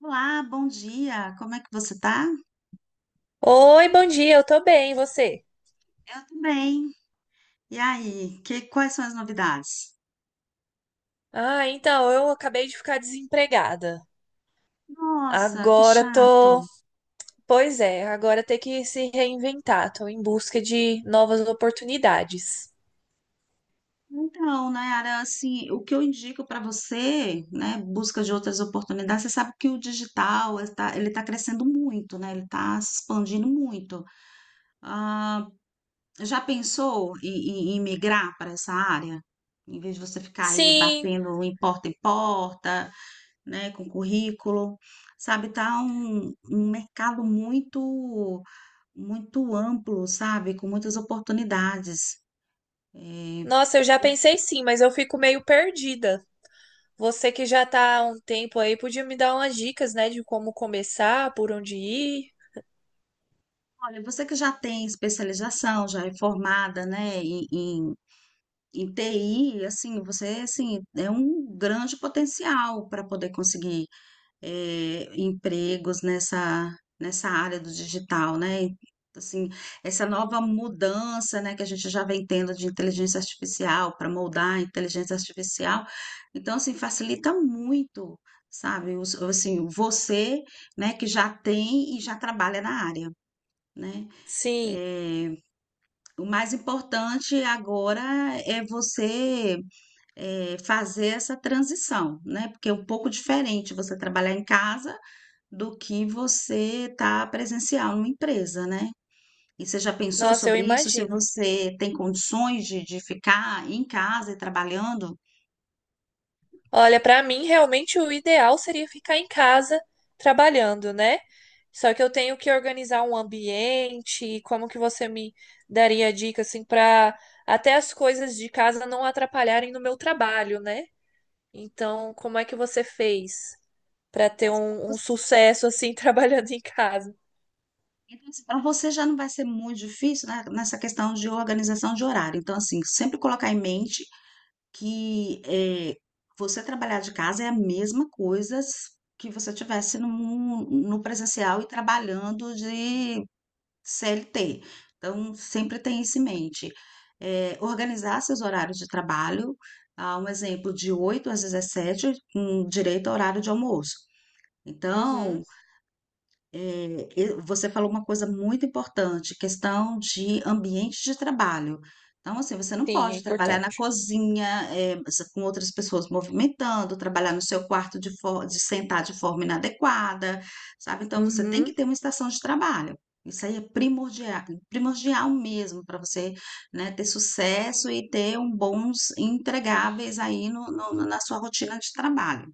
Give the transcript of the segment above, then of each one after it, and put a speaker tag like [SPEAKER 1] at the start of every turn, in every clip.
[SPEAKER 1] Olá, bom dia. Como é que você tá?
[SPEAKER 2] Oi, bom dia, eu tô bem, e você?
[SPEAKER 1] Eu tô bem. E aí, quais são as novidades?
[SPEAKER 2] Ah, então, eu acabei de ficar desempregada.
[SPEAKER 1] Nossa, que
[SPEAKER 2] Agora
[SPEAKER 1] chato.
[SPEAKER 2] tô. Pois é, agora tem que se reinventar, tô em busca de novas oportunidades.
[SPEAKER 1] Então, Nayara, assim, o que eu indico para você, né, busca de outras oportunidades, você sabe que o digital está, ele está crescendo muito, né? Ele está se expandindo muito. Ah, já pensou em migrar para essa área? Em vez de você ficar aí
[SPEAKER 2] Sim,
[SPEAKER 1] batendo em porta, né, com currículo, sabe, tá um mercado muito, muito amplo, sabe, com muitas oportunidades. É,
[SPEAKER 2] nossa, eu já pensei sim, mas eu fico meio perdida. Você que já tá há um tempo aí, podia me dar umas dicas, né, de como começar, por onde ir?
[SPEAKER 1] olha, você que já tem especialização, já é formada, né, em TI, assim, você, assim, é um grande potencial para poder conseguir empregos nessa, nessa área do digital, né? E assim, essa nova mudança, né, que a gente já vem tendo de inteligência artificial para moldar a inteligência artificial. Então, assim, facilita muito, sabe? Assim, você, né, que já tem e já trabalha na área, né?
[SPEAKER 2] Sim,
[SPEAKER 1] Eh, o mais importante agora é você fazer essa transição, né? Porque é um pouco diferente você trabalhar em casa do que você tá presencial numa empresa, né? E você já pensou
[SPEAKER 2] nossa, eu
[SPEAKER 1] sobre isso? Se
[SPEAKER 2] imagino.
[SPEAKER 1] você tem condições de ficar em casa e trabalhando?
[SPEAKER 2] Olha, para mim realmente o ideal seria ficar em casa trabalhando, né? Só que eu tenho que organizar um ambiente, e como que você me daria dica assim para até as coisas de casa não atrapalharem no meu trabalho, né? Então, como é que você fez para ter
[SPEAKER 1] Nossa, pra
[SPEAKER 2] um
[SPEAKER 1] você-
[SPEAKER 2] sucesso assim trabalhando em casa?
[SPEAKER 1] Então, assim, para você já não vai ser muito difícil, né, nessa questão de organização de horário. Então, assim, sempre colocar em mente que você trabalhar de casa é a mesma coisa que você tivesse no, no presencial e trabalhando de CLT. Então, sempre tem isso em mente. Organizar seus horários de trabalho, ah, um exemplo de 8 às 17 com direito ao horário de almoço. Então,
[SPEAKER 2] Uhum,
[SPEAKER 1] é, e você falou uma coisa muito importante, questão de ambiente de trabalho. Então, assim, você não
[SPEAKER 2] sim, é
[SPEAKER 1] pode trabalhar na
[SPEAKER 2] importante.
[SPEAKER 1] cozinha, é, com outras pessoas movimentando, trabalhar no seu quarto de sentar de forma inadequada, sabe? Então, você tem que
[SPEAKER 2] Uhum.
[SPEAKER 1] ter uma estação de trabalho. Isso aí é primordial, primordial mesmo para você, né, ter sucesso e ter um bons entregáveis aí na sua rotina de trabalho.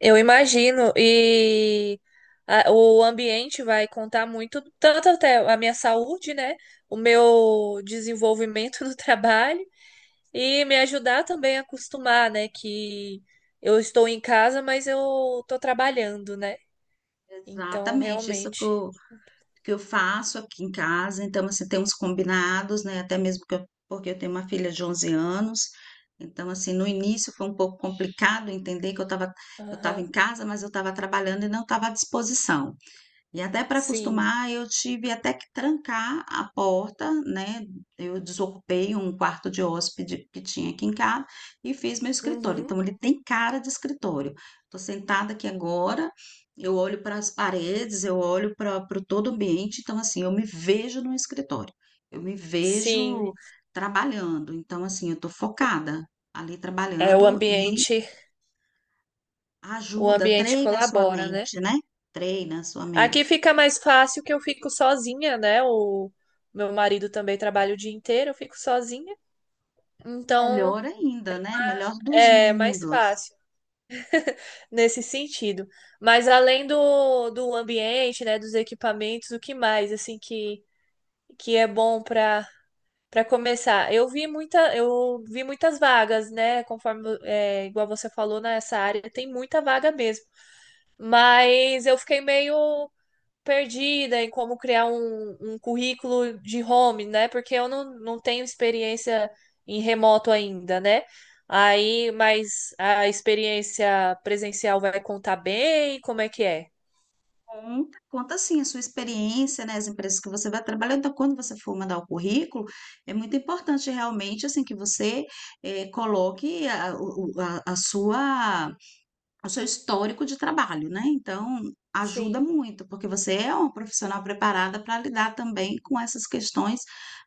[SPEAKER 2] Eu imagino, e o ambiente vai contar muito, tanto até a minha saúde, né? O meu desenvolvimento no trabalho e me ajudar também a acostumar, né? Que eu estou em casa, mas eu estou trabalhando, né? Então,
[SPEAKER 1] Exatamente, isso
[SPEAKER 2] realmente,
[SPEAKER 1] que eu faço aqui em casa, então assim, tem uns combinados, né, até mesmo porque eu tenho uma filha de 11 anos, então assim, no início foi um pouco complicado entender que eu estava
[SPEAKER 2] aham,
[SPEAKER 1] em casa, mas eu estava trabalhando e não estava à disposição. E até para
[SPEAKER 2] sim,
[SPEAKER 1] acostumar, eu tive até que trancar a porta, né? Eu desocupei um quarto de hóspede que tinha aqui em casa e fiz meu escritório.
[SPEAKER 2] uhum,
[SPEAKER 1] Então, ele tem cara de escritório. Estou sentada aqui agora, eu olho para as paredes, eu olho para o todo o ambiente. Então, assim, eu me vejo no escritório, eu me
[SPEAKER 2] sim,
[SPEAKER 1] vejo trabalhando. Então, assim, eu estou focada ali
[SPEAKER 2] é
[SPEAKER 1] trabalhando e
[SPEAKER 2] o
[SPEAKER 1] ajuda,
[SPEAKER 2] ambiente
[SPEAKER 1] treina a sua
[SPEAKER 2] colabora, né?
[SPEAKER 1] mente, né? Treina a sua
[SPEAKER 2] Aqui
[SPEAKER 1] mente.
[SPEAKER 2] fica mais fácil que eu fico sozinha, né? O meu marido também trabalha o dia inteiro, eu fico sozinha. Então,
[SPEAKER 1] Melhor ainda, né? Melhor dos
[SPEAKER 2] é mais
[SPEAKER 1] mundos.
[SPEAKER 2] fácil nesse sentido. Mas além do ambiente, né, dos equipamentos, o que mais assim que é bom para começar? Eu vi muitas vagas, né? Conforme é, igual você falou nessa área, tem muita vaga mesmo. Mas eu fiquei meio perdida em como criar um currículo de home, né? Porque eu não tenho experiência em remoto ainda, né? Aí, mas a experiência presencial vai contar bem? Como é que é?
[SPEAKER 1] Conta, conta assim a sua experiência, né? As empresas que você vai trabalhar. Então, quando você for mandar o currículo, é muito importante realmente assim que você coloque a sua, o seu histórico de trabalho, né? Então, ajuda
[SPEAKER 2] Sim,
[SPEAKER 1] muito, porque você é uma profissional preparada para lidar também com essas questões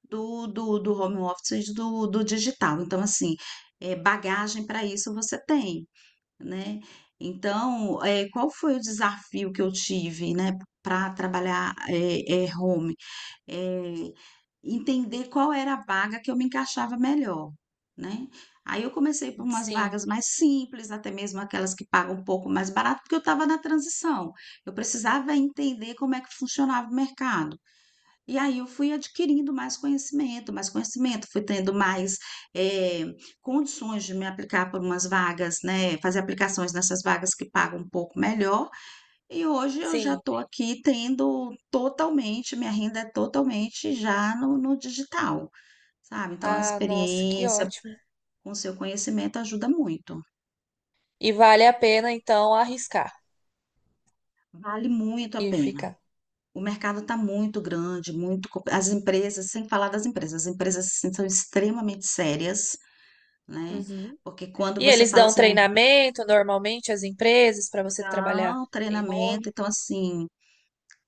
[SPEAKER 1] do home office e do digital. Então, assim, bagagem para isso você tem. Né? Então, qual foi o desafio que eu tive, né, para trabalhar home? Eh, Entender qual era a vaga que eu me encaixava melhor, né? Aí eu comecei por umas
[SPEAKER 2] sim,
[SPEAKER 1] vagas mais simples, até mesmo aquelas que pagam um pouco mais barato, porque eu estava na transição. Eu precisava entender como é que funcionava o mercado. E aí eu fui adquirindo mais conhecimento, fui tendo mais eh, condições de me aplicar por umas vagas, né? Fazer aplicações nessas vagas que pagam um pouco melhor. E hoje eu já
[SPEAKER 2] sim.
[SPEAKER 1] estou aqui tendo totalmente, minha renda é totalmente já no digital, sabe? Então a
[SPEAKER 2] Ah, nossa, que
[SPEAKER 1] experiência
[SPEAKER 2] ótimo.
[SPEAKER 1] com seu conhecimento ajuda muito,
[SPEAKER 2] E vale a pena, então, arriscar
[SPEAKER 1] vale muito a
[SPEAKER 2] e
[SPEAKER 1] pena.
[SPEAKER 2] ficar.
[SPEAKER 1] O mercado está muito grande, muito. As empresas, sem falar das empresas, as empresas assim, são extremamente sérias, né?
[SPEAKER 2] Uhum.
[SPEAKER 1] Porque quando
[SPEAKER 2] E
[SPEAKER 1] você
[SPEAKER 2] eles
[SPEAKER 1] fala
[SPEAKER 2] dão
[SPEAKER 1] assim, "Ah,
[SPEAKER 2] treinamento normalmente às empresas para você trabalhar
[SPEAKER 1] então,
[SPEAKER 2] em home?
[SPEAKER 1] treinamento", então assim,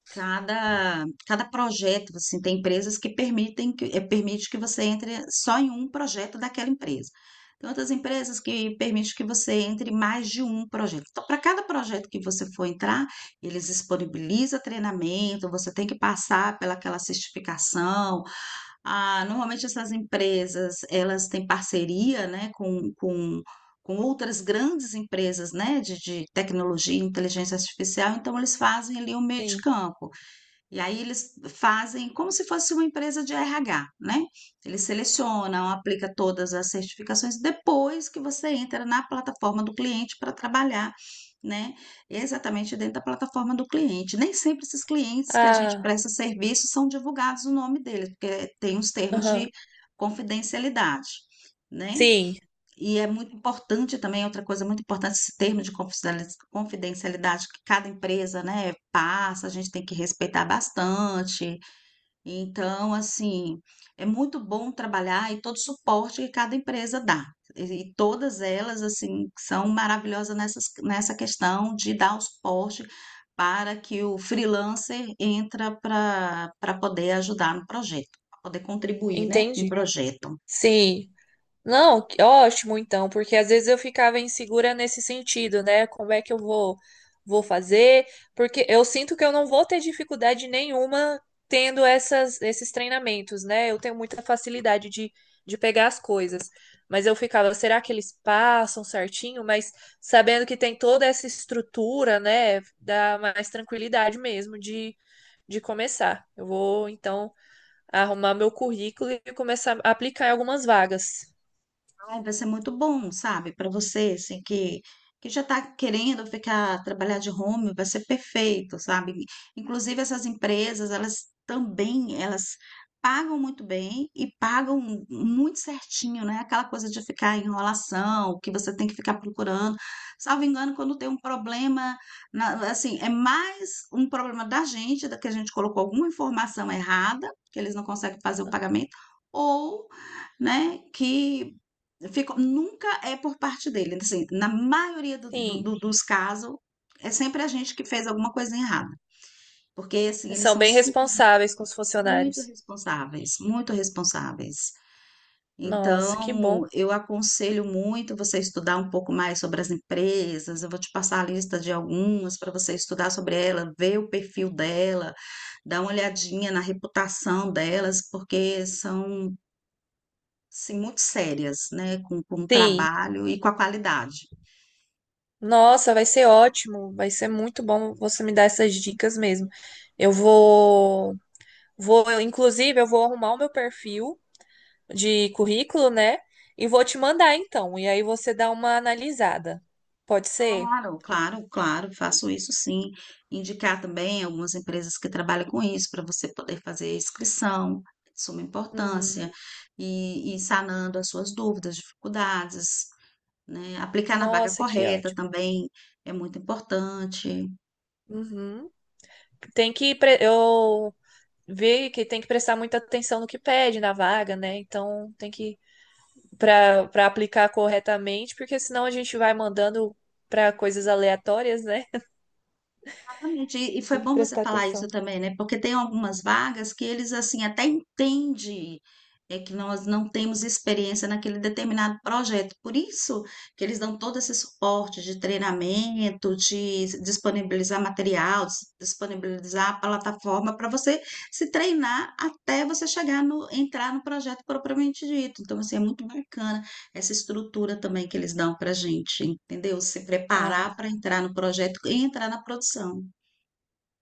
[SPEAKER 1] cada projeto, assim, tem empresas que permitem que permite que você entre só em um projeto daquela empresa. Tem outras empresas que permitem que você entre em mais de um projeto. Então, para cada projeto que você for entrar, eles disponibilizam treinamento, você tem que passar pelaquela certificação. Ah, normalmente essas empresas, elas têm parceria, né, com outras grandes empresas, né, de tecnologia, inteligência artificial, então eles fazem ali um meio de
[SPEAKER 2] Sim.
[SPEAKER 1] campo. E aí eles fazem como se fosse uma empresa de RH, né? Eles selecionam, aplicam todas as certificações depois que você entra na plataforma do cliente para trabalhar, né? Exatamente dentro da plataforma do cliente. Nem sempre esses clientes que a gente
[SPEAKER 2] Ah,
[SPEAKER 1] presta serviço são divulgados o nome deles, porque tem os termos
[SPEAKER 2] aham.
[SPEAKER 1] de confidencialidade, né?
[SPEAKER 2] Sim,
[SPEAKER 1] E é muito importante também, outra coisa muito importante, esse termo de confidencialidade que cada empresa, né, passa, a gente tem que respeitar bastante. Então, assim, é muito bom trabalhar e todo o suporte que cada empresa dá. E e todas elas, assim, são maravilhosas nessas, nessa questão de dar o suporte para que o freelancer entra para poder ajudar no projeto, para poder contribuir, né, com o
[SPEAKER 2] entendi.
[SPEAKER 1] projeto.
[SPEAKER 2] Sim. Não, que ótimo então, porque às vezes eu ficava insegura nesse sentido, né? Como é que eu vou fazer? Porque eu sinto que eu não vou ter dificuldade nenhuma tendo esses treinamentos, né? Eu tenho muita facilidade de pegar as coisas. Mas eu ficava, será que eles passam certinho? Mas sabendo que tem toda essa estrutura, né? Dá mais tranquilidade mesmo de começar. Eu vou então arrumar meu currículo e começar a aplicar em algumas vagas.
[SPEAKER 1] Ai, vai ser muito bom, sabe, para você, assim, que já está querendo ficar, trabalhar de home, vai ser perfeito, sabe? Inclusive, essas empresas, elas também, elas pagam muito bem e pagam muito certinho, né? Aquela coisa de ficar em enrolação, que você tem que ficar procurando. Salvo engano, quando tem um problema, assim, é mais um problema da gente, da que a gente colocou alguma informação errada, que eles não conseguem fazer o pagamento, ou né, que ficou, nunca é por parte dele. Então, assim, na maioria
[SPEAKER 2] Sim,
[SPEAKER 1] dos casos, é sempre a gente que fez alguma coisa errada. Porque, assim,
[SPEAKER 2] eles
[SPEAKER 1] eles
[SPEAKER 2] são
[SPEAKER 1] são
[SPEAKER 2] bem
[SPEAKER 1] super,
[SPEAKER 2] responsáveis com os
[SPEAKER 1] muito
[SPEAKER 2] funcionários.
[SPEAKER 1] responsáveis, muito responsáveis.
[SPEAKER 2] Nossa, que
[SPEAKER 1] Então,
[SPEAKER 2] bom.
[SPEAKER 1] eu aconselho muito você estudar um pouco mais sobre as empresas. Eu vou te passar a lista de algumas para você estudar sobre ela, ver o perfil dela, dar uma olhadinha na reputação delas, porque são, sim, muito sérias, né, com o
[SPEAKER 2] Sim,
[SPEAKER 1] trabalho e com a qualidade.
[SPEAKER 2] nossa, vai ser ótimo, vai ser muito bom você me dar essas dicas mesmo. Eu vou, eu, inclusive, eu vou arrumar o meu perfil de currículo, né? E vou te mandar então, e aí você dá uma analisada. Pode ser?
[SPEAKER 1] Claro, claro, claro, faço isso sim. Indicar também algumas empresas que trabalham com isso, para você poder fazer inscrição, de suma importância,
[SPEAKER 2] Uhum.
[SPEAKER 1] e sanando as suas dúvidas, dificuldades, né. Aplicar na vaga
[SPEAKER 2] Nossa, que
[SPEAKER 1] correta
[SPEAKER 2] ótimo.
[SPEAKER 1] também é muito importante.
[SPEAKER 2] Uhum. Eu vê que tem que prestar muita atenção no que pede na vaga, né? Então tem que para aplicar corretamente, porque senão a gente vai mandando para coisas aleatórias, né?
[SPEAKER 1] Exatamente. E foi
[SPEAKER 2] Tem que
[SPEAKER 1] bom você
[SPEAKER 2] prestar
[SPEAKER 1] falar isso
[SPEAKER 2] atenção.
[SPEAKER 1] também, né? Porque tem algumas vagas que eles assim até entendem é que nós não temos experiência naquele determinado projeto. Por isso que eles dão todo esse suporte de treinamento, de disponibilizar material, disponibilizar a plataforma para você se treinar até você chegar no entrar no projeto propriamente dito. Então, assim, é muito bacana essa estrutura também que eles dão para a gente, entendeu? Se preparar
[SPEAKER 2] Ah,
[SPEAKER 1] para entrar no projeto e entrar na produção.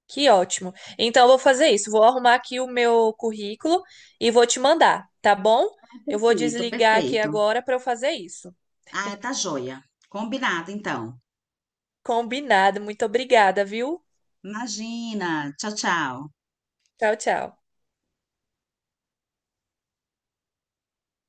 [SPEAKER 2] que ótimo. Então eu vou fazer isso, vou arrumar aqui o meu currículo e vou te mandar, tá bom? Eu vou
[SPEAKER 1] Perfeito,
[SPEAKER 2] desligar aqui
[SPEAKER 1] perfeito.
[SPEAKER 2] agora para eu fazer isso.
[SPEAKER 1] Ah, tá joia. Combinado, então.
[SPEAKER 2] Combinado. Muito obrigada, viu?
[SPEAKER 1] Imagina. Tchau, tchau.
[SPEAKER 2] Tchau, tchau.